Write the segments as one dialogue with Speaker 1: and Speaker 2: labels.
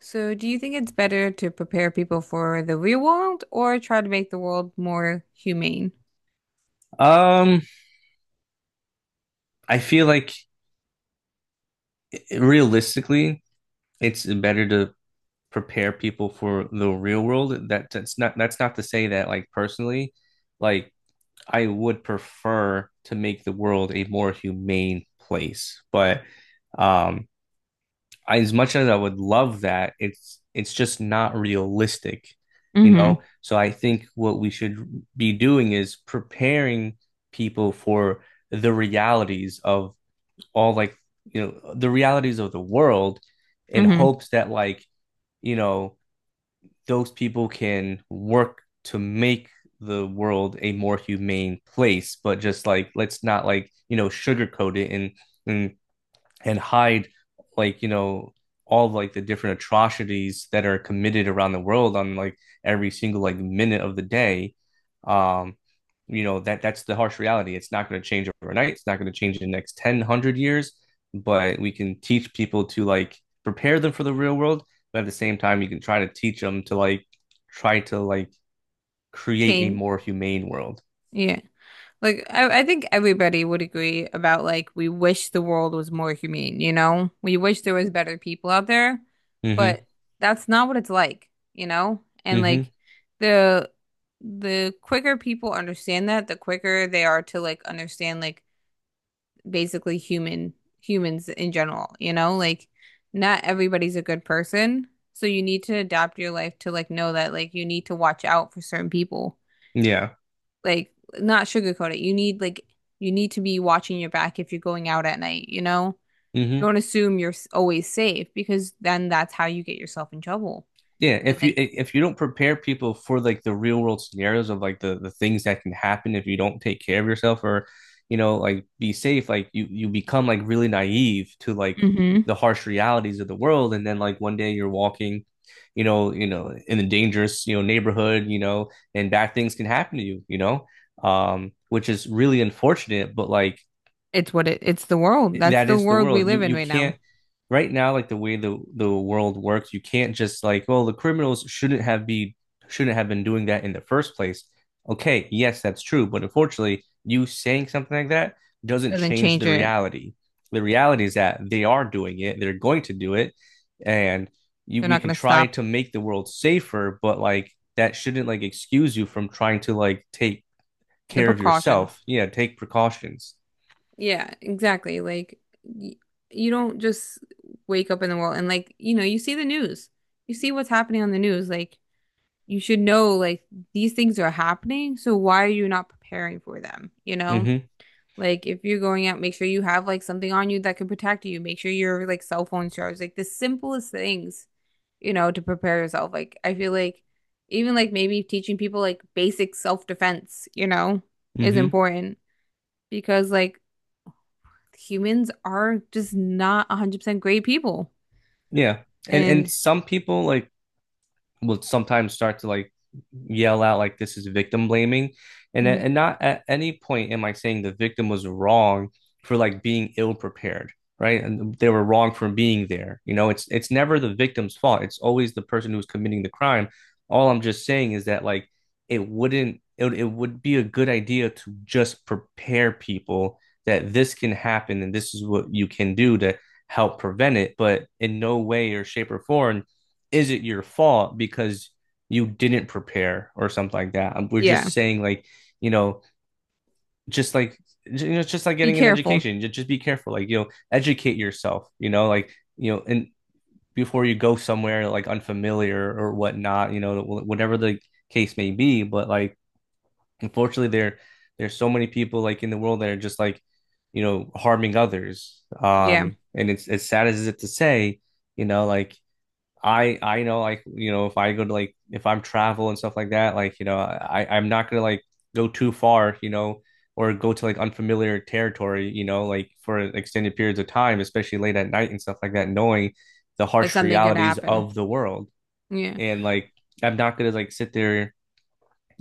Speaker 1: So, do you think it's better to prepare people for the real world or try to make the world more humane?
Speaker 2: Um, I feel like realistically, it's better to prepare people for the real world. That's not to say that like personally, like I would prefer to make the world a more humane place. But um, I, as much as I would love that, it's just not realistic, you
Speaker 1: Mm-hmm.
Speaker 2: know? So I think what we should be doing is preparing people for the realities of all, like you know the realities of the world in
Speaker 1: Mm-hmm.
Speaker 2: hopes that like you know those people can work to make the world a more humane place, but just like let's not like you know sugarcoat it and and and hide, like you know, all of, like the different atrocities that are committed around the world on like every single like minute of the day. um you know that's the harsh reality. It's not going to change overnight, it's not going to change in the next 10 100 years, but we can teach people to like prepare them for the real world, but at the same time you can try to teach them to like try to like create a
Speaker 1: Change,
Speaker 2: more humane world.
Speaker 1: yeah. Like, I think everybody would agree about like we wish the world was more humane, you know? We wish there was better people out there,
Speaker 2: Mm-hmm.
Speaker 1: but that's not what it's like, you know? And like
Speaker 2: Mm-hmm.
Speaker 1: the the quicker people understand that, the quicker they are to like understand like basically human humans in general, you know? Like not everybody's a good person, so you need to adapt your life to like know that like you need to watch out for certain people.
Speaker 2: Yeah.
Speaker 1: Like not sugarcoat it. You need like you need to be watching your back if you're going out at night, you know?
Speaker 2: Mm-hmm.
Speaker 1: Don't assume you're always safe because then that's how you get yourself in trouble.
Speaker 2: Yeah,
Speaker 1: And
Speaker 2: if you
Speaker 1: like
Speaker 2: if you don't prepare people for like the real world scenarios of like the things that can happen if you don't take care of yourself or you know like be safe, like you become like really naive to like
Speaker 1: hmm
Speaker 2: the harsh realities of the world, and then like one day you're walking, you know, in a dangerous, you know, neighborhood, you know, and bad things can happen to you, you know, which is really unfortunate, but like
Speaker 1: it's what it it's the world. That's
Speaker 2: that
Speaker 1: the
Speaker 2: is the
Speaker 1: world we
Speaker 2: world. You
Speaker 1: live in
Speaker 2: you
Speaker 1: right now.
Speaker 2: can't right now, like the way the world works, you can't just like, well, the criminals shouldn't have been doing that in the first place. Okay, yes, that's true, but unfortunately, you saying something like that doesn't
Speaker 1: Doesn't
Speaker 2: change
Speaker 1: change
Speaker 2: the
Speaker 1: it.
Speaker 2: reality. The reality is that they are doing it, they're going to do it, and you
Speaker 1: They're
Speaker 2: we
Speaker 1: not
Speaker 2: can
Speaker 1: going to
Speaker 2: try
Speaker 1: stop
Speaker 2: to make the world safer, but like that shouldn't like excuse you from trying to like take
Speaker 1: the
Speaker 2: care of yourself.
Speaker 1: precautions.
Speaker 2: Yeah, take precautions.
Speaker 1: Yeah, exactly. Like y You don't just wake up in the world and like, you know, you see the news. You see what's happening on the news. Like you should know like these things are happening, so why are you not preparing for them, you know?
Speaker 2: Mm-hmm.
Speaker 1: Like if you're going out, make sure you have like something on you that can protect you. Make sure your like cell phone's charged. Like the simplest things, you know, to prepare yourself. Like I feel like even like maybe teaching people like basic self-defense, you know, is
Speaker 2: Mm-hmm.
Speaker 1: important because like humans are just not 100% great people.
Speaker 2: Yeah. And
Speaker 1: And
Speaker 2: some people like will sometimes start to like yell out like this is victim blaming, and
Speaker 1: mm,
Speaker 2: and not at any point am I saying the victim was wrong for like being ill prepared, right, and they were wrong for being there, you know, it's never the victim's fault, it's always the person who's committing the crime. All I'm just saying is that like it wouldn't it, it would be a good idea to just prepare people that this can happen and this is what you can do to help prevent it, but in no way or shape or form is it your fault because you didn't prepare or something like that. We're
Speaker 1: yeah,
Speaker 2: just saying like, you know, just like, you know, it's just like
Speaker 1: be
Speaker 2: getting an
Speaker 1: careful.
Speaker 2: education. Just be careful, like you know, educate yourself. You know, like you know, and before you go somewhere like unfamiliar or whatnot, you know, whatever the case may be. But like, unfortunately, there's so many people like in the world that are just like, you know, harming others.
Speaker 1: Yeah,
Speaker 2: And it's as sad as it is to say, you know, like I know like you know if I go to like if I'm travel and stuff like that like you know I'm not gonna like go too far you know or go to like unfamiliar territory you know like for extended periods of time, especially late at night and stuff like that, knowing the
Speaker 1: that
Speaker 2: harsh
Speaker 1: something could
Speaker 2: realities
Speaker 1: happen.
Speaker 2: of the world.
Speaker 1: Yeah,
Speaker 2: And like I'm not gonna like sit there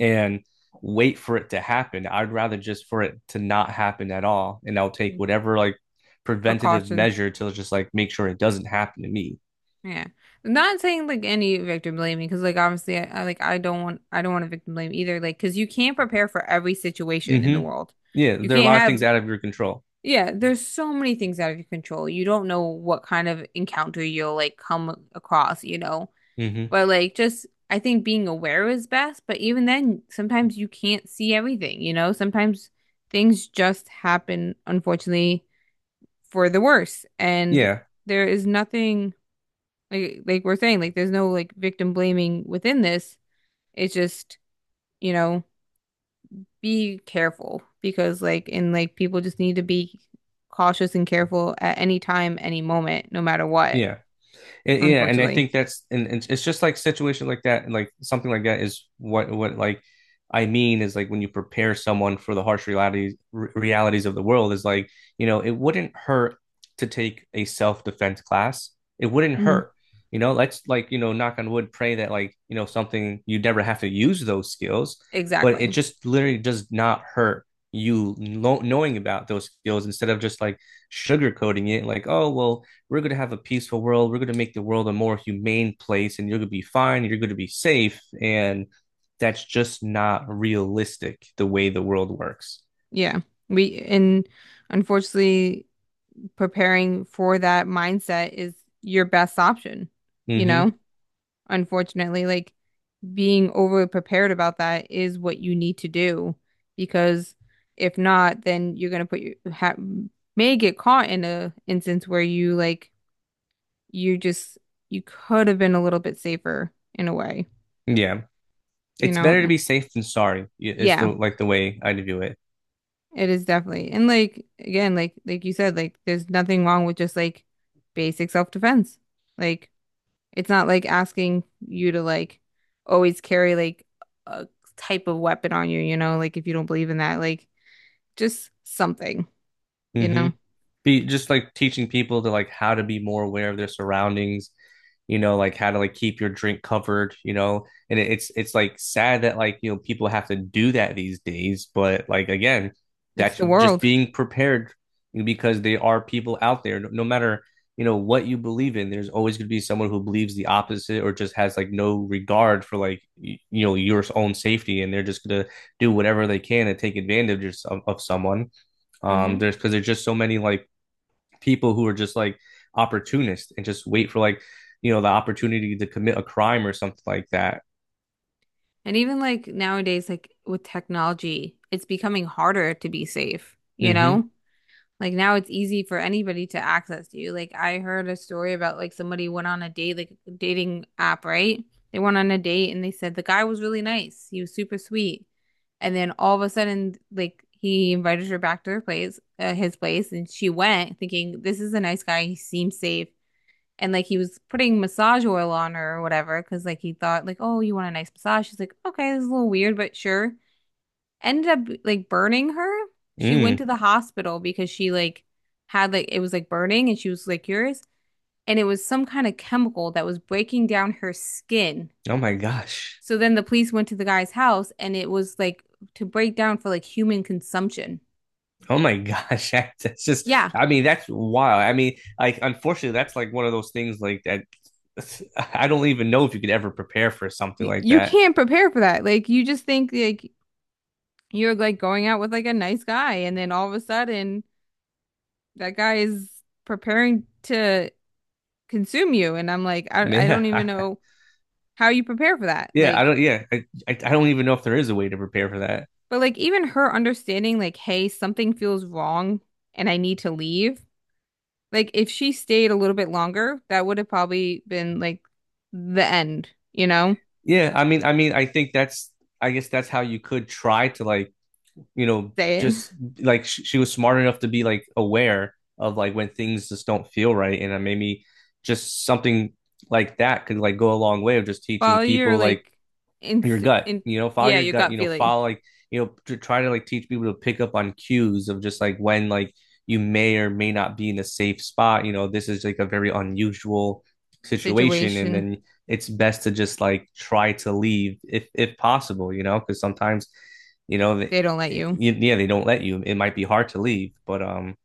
Speaker 2: and wait for it to happen. I'd rather just for it to not happen at all, and I'll take whatever like preventative
Speaker 1: precaution.
Speaker 2: measure to just like make sure it doesn't happen to me.
Speaker 1: Yeah, I'm not saying like any victim blaming because like obviously I like I don't want to victim blame either. Like because you can't prepare for every situation in the
Speaker 2: Mm-hmm.
Speaker 1: world.
Speaker 2: Yeah,
Speaker 1: You
Speaker 2: there are a
Speaker 1: can't
Speaker 2: lot of things
Speaker 1: have
Speaker 2: out of your control.
Speaker 1: Yeah. There's so many things out of your control. You don't know what kind of encounter you'll like come across. You know,
Speaker 2: Hmm.
Speaker 1: but like just I think being aware is best, but even then sometimes you can't see everything, you know? Sometimes things just happen, unfortunately, for the worse. And
Speaker 2: Yeah,
Speaker 1: there is nothing like we're saying, like there's no like victim blaming within this. It's just, you know, be careful because like people just need to be cautious and careful at any time, any moment, no matter what,
Speaker 2: yeah. And, yeah, and I
Speaker 1: unfortunately.
Speaker 2: think that's, and it's just like situation like that, and like something like that is what like I mean is like when you prepare someone for the harsh realities realities of the world is like you know it wouldn't hurt to take a self defense class. It wouldn't
Speaker 1: Mhm.
Speaker 2: hurt. You know, let's like you know knock on wood, pray that like you know something you never have to use those skills, but it
Speaker 1: Exactly.
Speaker 2: just literally does not hurt, you know, knowing about those skills instead of just like sugarcoating it like, oh well, we're going to have a peaceful world. We're going to make the world a more humane place and you're going to be fine. You're going to be safe. And that's just not realistic the way the world works.
Speaker 1: Yeah. We and unfortunately preparing for that mindset is your best option, you know?
Speaker 2: Mm-hmm.
Speaker 1: Unfortunately, like being overly prepared about that is what you need to do because if not, then you're gonna put your ha may get caught in a instance where you just you could have been a little bit safer in a way,
Speaker 2: Yeah.
Speaker 1: you
Speaker 2: It's
Speaker 1: know?
Speaker 2: better to
Speaker 1: And-
Speaker 2: be safe than sorry, is the
Speaker 1: Yeah.
Speaker 2: like the way I view it.
Speaker 1: It is definitely. And like again, like you said, like there's nothing wrong with just like basic self-defense. Like it's not like asking you to like always carry like a type of weapon on you, you know, like if you don't believe in that, like just something, you know.
Speaker 2: Mm-hmm. Be just like teaching people to like how to be more aware of their surroundings, you know, like how to like keep your drink covered, you know. And it's like sad that like you know people have to do that these days, but like again
Speaker 1: It's
Speaker 2: that's
Speaker 1: the
Speaker 2: just
Speaker 1: world.
Speaker 2: being prepared because there are people out there, no matter you know what you believe in there's always going to be someone who believes the opposite or just has like no regard for like you know your own safety, and they're just going to do whatever they can to take advantage of someone.
Speaker 1: Hmm.
Speaker 2: There's because there's just so many like people who are just like opportunists and just wait for like you know the opportunity to commit a crime or something like that.
Speaker 1: And even like nowadays, like with technology, it's becoming harder to be safe, you
Speaker 2: Mm-hmm.
Speaker 1: know? Like now it's easy for anybody to access you. Like I heard a story about like somebody went on a date, like a dating app, right? They went on a date and they said the guy was really nice. He was super sweet. And then all of a sudden, like he invited her back to his place, and she went thinking this is a nice guy. He seems safe. And like he was putting massage oil on her or whatever, because like he thought like, oh, you want a nice massage? She's like, okay, this is a little weird, but sure ended up like burning her. She went to
Speaker 2: Mm.
Speaker 1: the hospital because she like had like it was like burning and she was like curious, and it was some kind of chemical that was breaking down her skin.
Speaker 2: Oh my gosh.
Speaker 1: So then the police went to the guy's house and it was like to break down for like human consumption.
Speaker 2: Oh my gosh, that's just
Speaker 1: Yeah.
Speaker 2: I mean that's wild. I mean, like unfortunately that's like one of those things like that I don't even know if you could ever prepare for something like
Speaker 1: You
Speaker 2: that.
Speaker 1: can't prepare for that. Like you just think like you're like going out with like a nice guy and then all of a sudden that guy is preparing to consume you and I'm like I don't
Speaker 2: Yeah.
Speaker 1: even know how you prepare for that.
Speaker 2: Yeah, I
Speaker 1: Like
Speaker 2: don't yeah, I don't even know if there is a way to prepare for that.
Speaker 1: but like even her understanding like, hey, something feels wrong and I need to leave. Like if she stayed a little bit longer, that would have probably been like the end, you know?
Speaker 2: Yeah, I mean I think that's, I guess that's how you could try to like you know
Speaker 1: Say it.
Speaker 2: just like she was smart enough to be like aware of like when things just don't feel right, and maybe just something like that could like go a long way of just teaching
Speaker 1: Follow your
Speaker 2: people like
Speaker 1: like in
Speaker 2: your gut,
Speaker 1: in
Speaker 2: you know, follow
Speaker 1: yeah,
Speaker 2: your
Speaker 1: your
Speaker 2: gut, you
Speaker 1: gut
Speaker 2: know,
Speaker 1: feeling
Speaker 2: follow like you know to try to like teach people to pick up on cues of just like when like you may or may not be in a safe spot, you know, this is like a very unusual situation, and
Speaker 1: situation.
Speaker 2: then it's best to just like try to leave if possible, you know, because sometimes you know they,
Speaker 1: They don't let you.
Speaker 2: yeah they don't let you, it might be hard to leave, but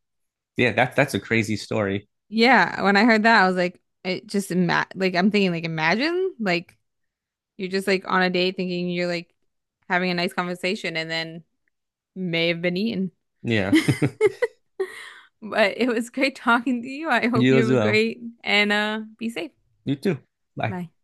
Speaker 2: yeah that's a crazy story.
Speaker 1: Yeah, when I heard that, I was like it just ima like I'm thinking like imagine like you're just like on a date thinking you're like having a nice conversation and then may have been eaten.
Speaker 2: Yeah.
Speaker 1: But it was great talking to you. I hope
Speaker 2: You
Speaker 1: you
Speaker 2: as
Speaker 1: have a
Speaker 2: well.
Speaker 1: great and be safe.
Speaker 2: You too. Bye.
Speaker 1: Bye.